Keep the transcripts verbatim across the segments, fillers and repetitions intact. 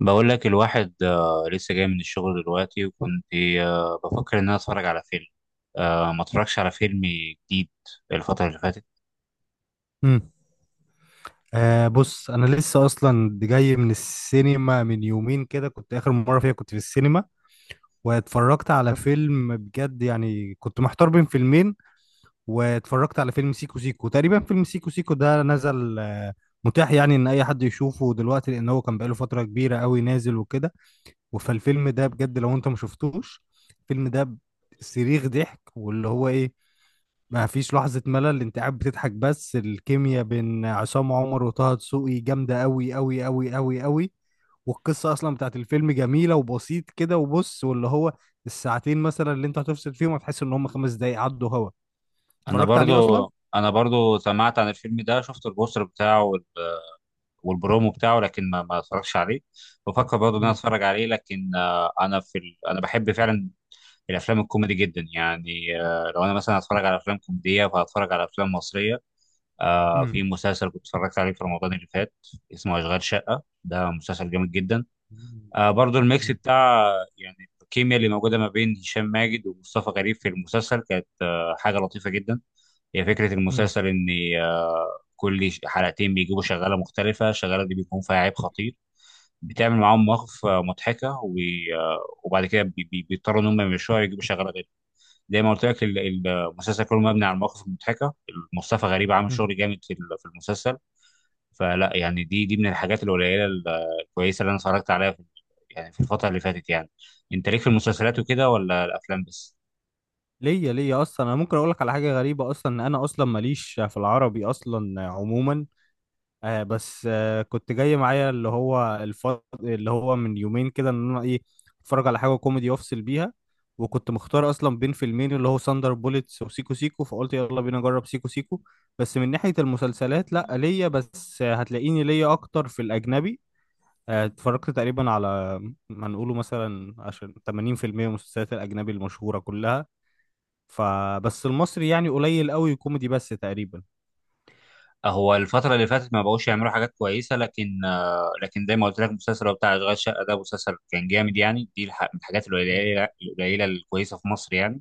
بقول لك الواحد، آه، لسه جاي من الشغل دلوقتي. وكنت آه، بفكر ان انا اتفرج على فيلم. آه، ما اتفرجش على فيلم جديد الفترة اللي فاتت. امم آه، بص، انا لسه اصلا جاي من السينما من يومين كده. كنت اخر مره فيها كنت في السينما واتفرجت على فيلم بجد. يعني كنت محتار بين فيلمين واتفرجت على فيلم سيكو سيكو. تقريبا فيلم سيكو سيكو ده نزل، آه متاح يعني ان اي حد يشوفه دلوقتي، لان هو كان بقاله فتره كبيره قوي نازل وكده. فالفيلم ده بجد، لو انت ما شفتوش الفيلم ده، صريخ ضحك. واللي هو ايه، ما فيش لحظة ملل، انت قاعد بتضحك. بس الكيمياء بين عصام عمر وطه دسوقي جامدة قوي قوي قوي قوي قوي. والقصة اصلا بتاعت الفيلم جميلة وبسيط كده. وبص، واللي هو الساعتين مثلا اللي انت هتفصل فيهم هتحس ان هم خمس دقايق عدوا هوا. انا اتفرجت برضو عليه اصلا؟ انا برضو سمعت عن الفيلم ده، شفت البوستر بتاعه وال- والبرومو بتاعه، لكن ما ما اتفرجش عليه. بفكر برضو ان انا مم. اتفرج عليه، لكن آه، انا في ال... انا بحب فعلا الافلام الكوميدي جدا. يعني آه، لو انا مثلا هتفرج على افلام كوميديه فهتفرج على افلام مصريه. آه، مم. في مسلسل كنت اتفرجت عليه في رمضان اللي فات اسمه اشغال شقه. ده مسلسل جامد جدا. مم. آه برضو الميكس بتاع، يعني الكيمياء اللي موجوده ما بين هشام ماجد ومصطفى غريب في المسلسل كانت آه حاجه لطيفه جدا. هي فكره مم. المسلسل ان آه كل ش- حلقتين بيجيبوا شغاله مختلفه، الشغاله دي بيكون فيها عيب خطير، بتعمل معاهم مواقف آه، مضحكه و- آه، وبعد كده بي- بي- بيضطروا ان هم يمشوها ويجيبوا شغاله غير. زي ما قلت لك ال- ال- المسلسل كله مبني على المواقف المضحكه. مصطفى غريب عامل مم. شغل جامد في ال- في المسلسل. فلا يعني دي دي من الحاجات القليله ال- الكويسه اللي انا اتفرجت عليها في يعني في الفتره اللي فاتت يعني. انت ليك في المسلسلات وكده ولا الافلام بس؟ ليا ليا اصلا، انا ممكن اقول لك على حاجة غريبة اصلا، ان انا اصلا ماليش في العربي اصلا عموما. آه، بس آه كنت جاي معايا اللي هو الف... اللي هو من يومين كده، ان انا ايه، اتفرج على حاجه كوميدي وافصل بيها. وكنت مختار اصلا بين فيلمين، اللي هو ساندر بوليتس وسيكو سيكو، فقلت يلا بينا نجرب سيكو سيكو. بس من ناحيه المسلسلات لا، ليا بس آه، هتلاقيني ليا اكتر في الاجنبي. آه، اتفرجت تقريبا على ما نقوله مثلا عشان ثمانين في المئة من المسلسلات الاجنبي المشهوره كلها. فبس المصري يعني قليل قوي، كوميدي بس تقريبا. هو الفتره اللي فاتت ما بقوش يعملوا حاجات كويسه، لكن آه، لكن زي ما قلت لك المسلسل هو بتاع اشغال شقه. ده مسلسل كان جامد يعني، دي الح- من الحاجات القليله القليله الكويسه في مصر يعني.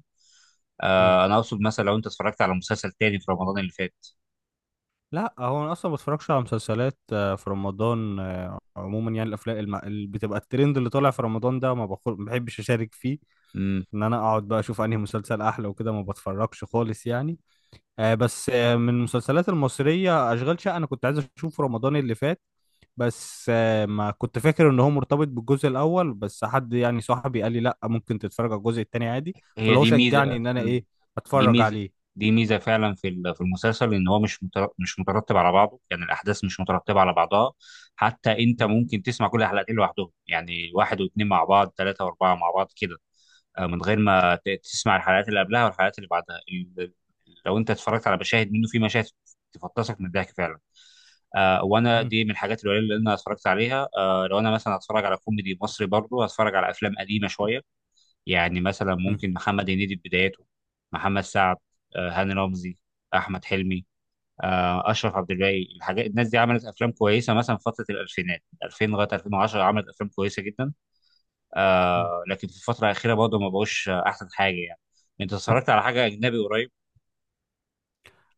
مم. آه، انا اقصد مثلا لو انت اتفرجت على مسلسل تاني في رمضان اللي فات. لا، هو انا اصلا ما بتفرجش على مسلسلات آه، في رمضان آه، عموما. يعني الافلام الم... اللي بتبقى الترند اللي طالع في رمضان ده، ما بخل... ما بحبش اشارك فيه. ان انا اقعد بقى اشوف انهي مسلسل احلى وكده، ما بتفرجش خالص يعني. آه، بس آه، من المسلسلات المصريه اشغال شقه، انا كنت عايز اشوفه رمضان اللي فات. بس آه، ما كنت فاكر ان هو مرتبط بالجزء الاول، بس حد يعني صاحبي قال لي لا، ممكن تتفرج على الجزء التاني عادي. هي فاللي هو دي شجعني ميزه. ان انا مم. ايه، دي اتفرج ميزه عليه. دي ميزه فعلا في ال- في المسلسل، ان هو مش متر- مش مترتب على بعضه. يعني الاحداث مش مترتبه على بعضها، حتى انت م- ممكن تسمع كل الحلقتين لوحدهم، يعني واحد واثنين مع بعض، ثلاثه واربعه مع بعض كده، آه، من غير ما ت- تسمع الحلقات اللي قبلها والحلقات اللي بعدها. ال- لو انت اتفرجت على مشاهد منه، في مشاهد تفطسك من الضحك فعلا. آه وانا م- دي من الحاجات القليله اللي انا اتفرجت عليها. آه لو انا مثلا هتفرج على كوميدي مصري، برضه هتفرج على افلام قديمه شويه. يعني مثلا م- ممكن محمد هنيدي في بداياته، محمد سعد، آه، هاني رمزي، احمد حلمي، آه، اشرف عبد الباقي. الحاجات الناس دي عملت افلام كويسه مثلا في فتره الالفينات، ألفين لغايه الفين وعشرة، عملت افلام كويسه جدا. م. آه، لكن في الفتره الاخيره برضه ما بقوش آه، احسن حاجه يعني. انت اتفرجت على حاجه اجنبي قريب؟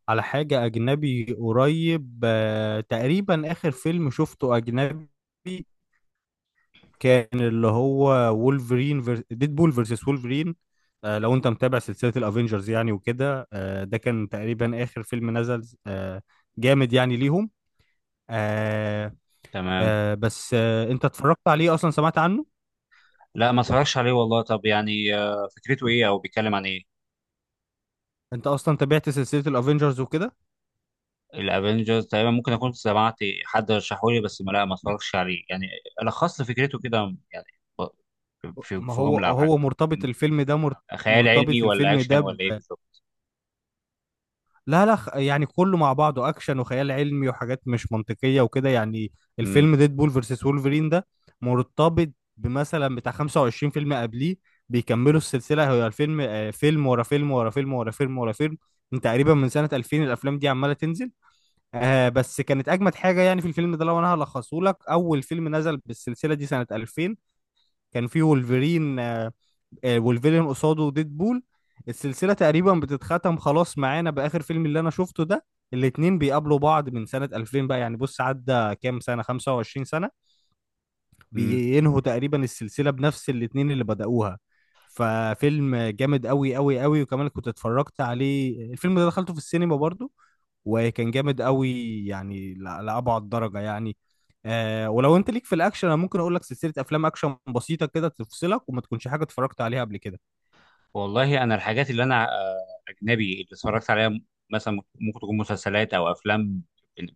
على حاجة أجنبي قريب، آه، تقريبا آخر فيلم شفته أجنبي كان اللي هو وولفرين فير... ديدبول فيرسس وولفرين. آه، لو أنت متابع سلسلة الأفينجرز يعني وكده، آه، ده كان تقريبا آخر فيلم نزل، آه، جامد يعني ليهم. آه، تمام. آه، بس آه، أنت اتفرجت عليه أصلا؟ سمعت عنه؟ لا ما اتفرجش عليه والله. طب يعني آه، فكرته ايه او بيتكلم عن ايه؟ أنت أصلا تابعت سلسلة الأفينجرز وكده؟ الافنجرز تقريبا ممكن اكون سمعت، حد رشحولي، بس ما لا ما اتفرجش عليه يعني. لخصت لي فكرته كده؟ يعني ب- في ما في هو جمله او حاجه. هو مرتبط مم. الفيلم ده، مر- خيال علمي مرتبط ولا الفيلم اكشن ده. ولا ايه بالظبط؟ لا لا، خ- يعني كله مع بعضه اكشن وخيال علمي وحاجات مش منطقيه وكده يعني. الفيلم ديد بول فيرسس وولفرين ده مرتبط بمثلا بتاع خمسة وعشرين فيلم قبليه بيكملوا السلسله. هو الفيلم آه، فيلم ورا فيلم ورا فيلم ورا فيلم ورا فيلم، من تقريبا من سنه ألفين الافلام دي عماله تنزل. آه بس كانت اجمد حاجه يعني في الفيلم ده. لو انا هلخصه لك، اول فيلم نزل بالسلسله دي سنه ألفين كان فيه وولفرين، آه، والفيلن قصاده ديد بول. السلسلة تقريبا بتتختم خلاص معانا بآخر فيلم اللي أنا شفته ده. الاتنين بيقابلوا بعض من سنة ألفين، بقى يعني بص عدى كام سنة، خمسة وعشرين سنة، امم بينهوا تقريبا السلسلة بنفس الاتنين اللي بدأوها. ففيلم جامد قوي قوي قوي. وكمان كنت اتفرجت عليه، الفيلم ده دخلته في السينما برضو. وكان جامد قوي، يعني ل- لأبعد درجة يعني. آه، ولو انت ليك في الاكشن انا ممكن اقول لك سلسلة افلام اكشن بسيطة كده تفصلك وما تكونش حاجة اتفرجت عليها قبل كده. والله انا الحاجات اللي انا آه، اجنبي اللي اتفرجت عليها، مثلا ممكن تكون مسلسلات او افلام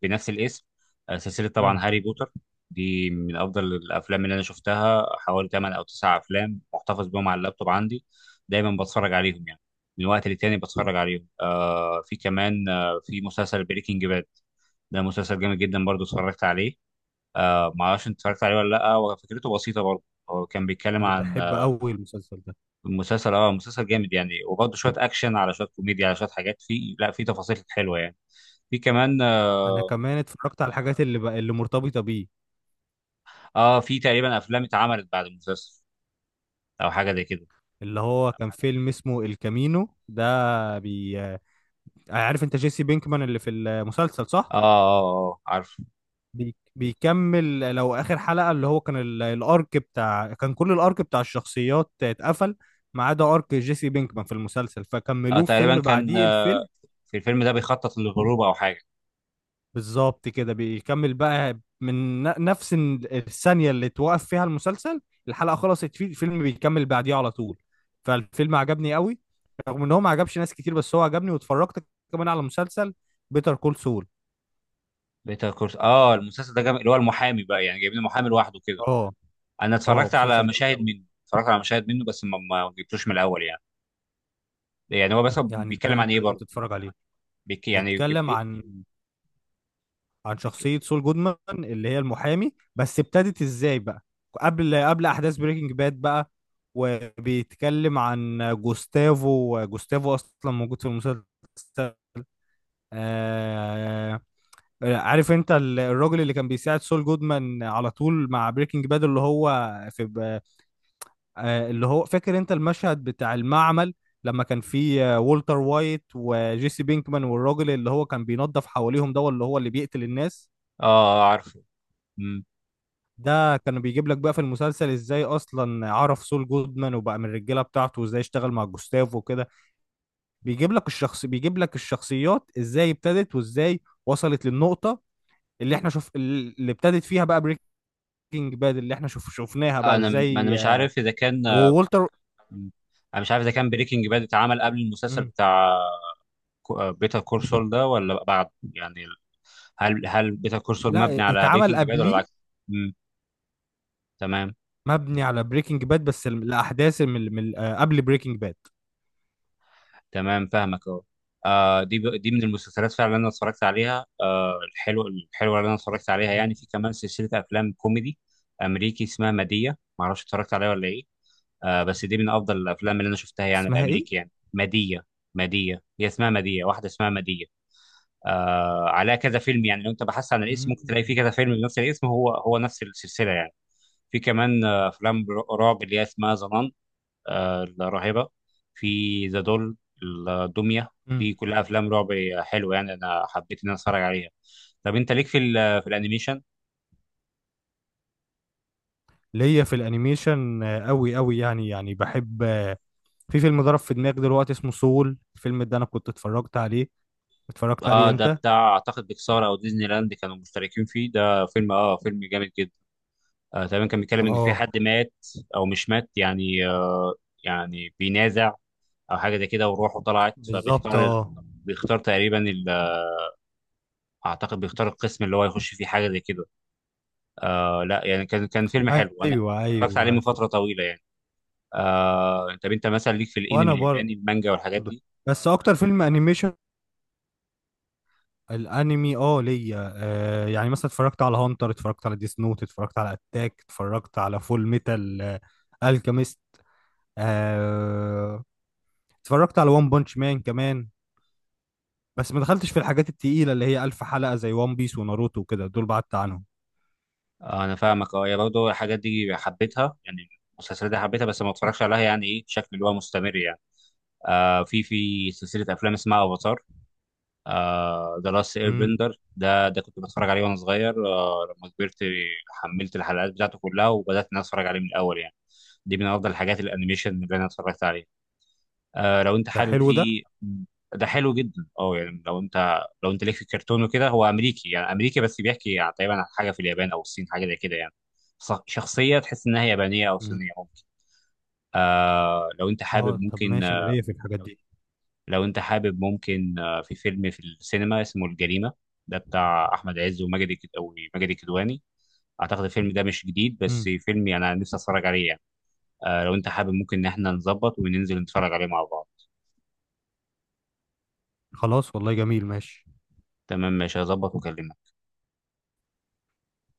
بنفس الاسم. آه، سلسله طبعا مم. هاري بوتر، دي من افضل الافلام اللي انا شفتها. حوالي ثمانية او تسعة افلام محتفظ بيهم على اللابتوب عندي، دايما بتفرج عليهم يعني، من وقت للتاني بتفرج عليهم. آه في كمان، آه في مسلسل بريكنج باد. ده مسلسل جامد جدا برضو اتفرجت عليه. آه ما اعرفش انت اتفرجت عليه ولا لا، وفكرته بسيطه برضو، هو كان بيتكلم انا عن بحب قوي المسلسل ده. المسلسل. اه مسلسل جامد يعني، وبرضه شويه اكشن على شويه كوميديا على شويه حاجات. في لا في تفاصيل حلوه يعني. في كمان انا اه, كمان اتفرجت على الحاجات اللي بقى اللي مرتبطه بيه، آه في تقريبا افلام اتعملت بعد المسلسل او حاجه زي كده. اللي هو كان فيلم اسمه الكامينو ده. بي عارف انت جيسي بينكمان اللي في المسلسل، صح؟ اه، اه، اه، عارف. بي... بيكمل لو اخر حلقه، اللي هو كان ال... الارك بتاع، كان كل الارك بتاع الشخصيات اتقفل ما عدا ارك جيسي بينكمان في المسلسل، آه فكملوه في تقريبا فيلم كان، بعديه آه، الفيلم. في الفيلم ده بيخطط للهروب او حاجه. بالظبط كده، بيكمل بقى من ن- نفس ال- الثانية اللي توقف فيها المسلسل. الحلقة خلصت فيه الفيلم بيكمل بعديها على طول. فالفيلم عجبني قوي رغم ان هو ما عجبش ناس كتير، بس هو عجبني. واتفرجت كمان على مسلسل بيتر كول سول. بيتر كورس، اه. المسلسل ده جامد، اللي هو المحامي بقى يعني، جايبين المحامي لوحده كده. اه. انا اه، اتفرجت على مسلسل جامد مشاهد قوي منه، اتفرجت على مشاهد منه، بس ما ما جبتوش من الاول يعني. يعني هو بس يعني، ده بيتكلم اللي عن انت ايه لازم برضه؟ تتفرج عليه. بيك يعني بيتكلم إيه- إيه- عن عن بيك... شخصية سول جودمان اللي هي المحامي، بس ابتدت ازاي بقى؟ قبل قبل احداث بريكنج باد بقى. وبيتكلم عن جوستافو. جوستافو اصلا موجود في المسلسل. آه، عارف انت ال- الراجل اللي كان بيساعد سول جودمان على طول مع بريكنج باد اللي هو في ب- آه اللي هو فاكر انت المشهد بتاع المعمل، لما كان في آه، والتر وايت وجيسي بينكمان والراجل اللي هو كان بينظف حواليهم، ده اللي هو اللي بيقتل الناس. اه، آه، عارفه. ده كان بيجيب لك بقى في المسلسل ازاي اصلا عرف سول جودمان وبقى من الرجاله بتاعته، وازاي اشتغل مع جوستافو وكده. بيجيب لك الشخص، بيجيب لك الشخصيات ازاي ابتدت، وازاي وصلت للنقطه اللي احنا شوف اللي ابتدت فيها بقى بريكنج باد اللي احنا شوف شفناها بقى انا ما انا ازاي، مش آه، عارف اذا كان وولتر. انا مش عارف اذا كان بريكنج باد اتعمل قبل المسلسل مم. بتاع كو- بيتر كورسول ده ولا بعد يعني. هل هل بيتر كورسول لا، مبني على اتعمل بريكنج باد ولا العكس؟ قبليه. امم. تمام. مبني على بريكنج باد بس ال- الاحداث من من آه، قبل بريكنج باد. تمام، فاهمك اهو. آه دي ب- دي من المسلسلات فعلا اللي انا اتفرجت عليها، آه الحلوه الحلوه اللي انا اتفرجت عليها مم. يعني. في كمان سلسله افلام كوميدي امريكي اسمها ماديه، ما اعرفش اتفرجت عليها ولا ايه. آه بس دي من افضل الافلام اللي انا شفتها يعني، اسمها الامريكي ايه؟ يعني ماديه. ماديه هي اسمها ماديه، واحده اسمها ماديه. آه عليها كذا فيلم، يعني لو انت بحثت عن الاسم ممكن تلاقي فيه مم. كذا فيلم بنفس الاسم، هو هو نفس السلسله يعني. في كمان آه، افلام رعب اللي هي اسمها ظنان، آه الراهبه، في ذا دول، الدميه. مم. دي كلها افلام رعب حلوه، يعني انا حبيت ان انا اتفرج عليها. طب انت ليك في ال- في الانيميشن؟ ليا في الانيميشن آه، قوي قوي، يعني يعني بحب آه، في فيلم ضرب في دماغي دلوقتي اسمه سول، الفيلم ده انا كنت اتفرجت عليه. اتفرجت عليه اه. ده انت؟ بتاع اعتقد بيكسار او ديزني لاند كانوا مشتركين فيه. ده فيلم، اه فيلم جامد جدا. آه تمام كان بيتكلم ان في اه، حد مات، او مش مات يعني، آه يعني بينازع او حاجه زي كده، وروحه طلعت بالظبط، فبيختار. اه. بيختار تقريبا ال- اعتقد بيختار القسم اللي هو يخش فيه، حاجه زي كده. آه لا يعني، كان كان فيلم حلو انا ايوه، اتفرجت عليه من ايوه. فتره طويله يعني. آه طب انت مثلا ليك في الانمي وانا برضه، الياباني، المانجا والحاجات دي؟ بس اكتر فيلم انيميشن، الانمي اه، ليا آه يعني مثلا اتفرجت على هانتر، اتفرجت على ديس نوت، اتفرجت على اتاك، اتفرجت على فول ميتال آه الكيميست. آه، اتفرجت على وان بانش مان كمان. بس ما دخلتش في الحاجات التقيلة اللي هي ألف حلقة زي وان بيس وناروتو وكده، دول بعدت عنهم. آه انا فاهمك. اه، هي برضه الحاجات دي حبيتها يعني، المسلسلات دي حبيتها بس ما اتفرجش عليها، يعني ايه بشكل اللي هو مستمر يعني. آه في في سلسله افلام اسمها افاتار ذا لاست اير امم. بندر. ده ده كنت بتفرج عليه وانا صغير. آه لما كبرت حملت الحلقات بتاعته كلها، وبدات ان أنا اتفرج عليه من الاول يعني. دي من افضل الحاجات الانيميشن اللي انا اتفرجت عليها، آه لو انت ده حابب حلو ده. فيه. ده حلو جدا، اه. يعني لو انت لو انت ليك في الكرتون وكده، هو امريكي، يعني امريكي بس بيحكي يعني تقريبا عن حاجه في اليابان او الصين، حاجه زي كده يعني. ص- شخصيه تحس انها يابانيه او صينيه ممكن. آه لو انت اه، حابب طب ممكن، ماشي، انا ليا في الحاجات دي. لو انت حابب ممكن آه، في فيلم في السينما اسمه الجريمة. ده بتاع احمد عز وماجد الك- او ماجد الكدواني. اعتقد الفيلم ده مش جديد، بس امم. فيلم يعني انا نفسي اتفرج عليه يعني. آه، لو انت حابب ممكن ان احنا نظبط وننزل نتفرج عليه مع بعض. خلاص، والله جميل، ماشي. تمام، ماشي هظبط وكلمني.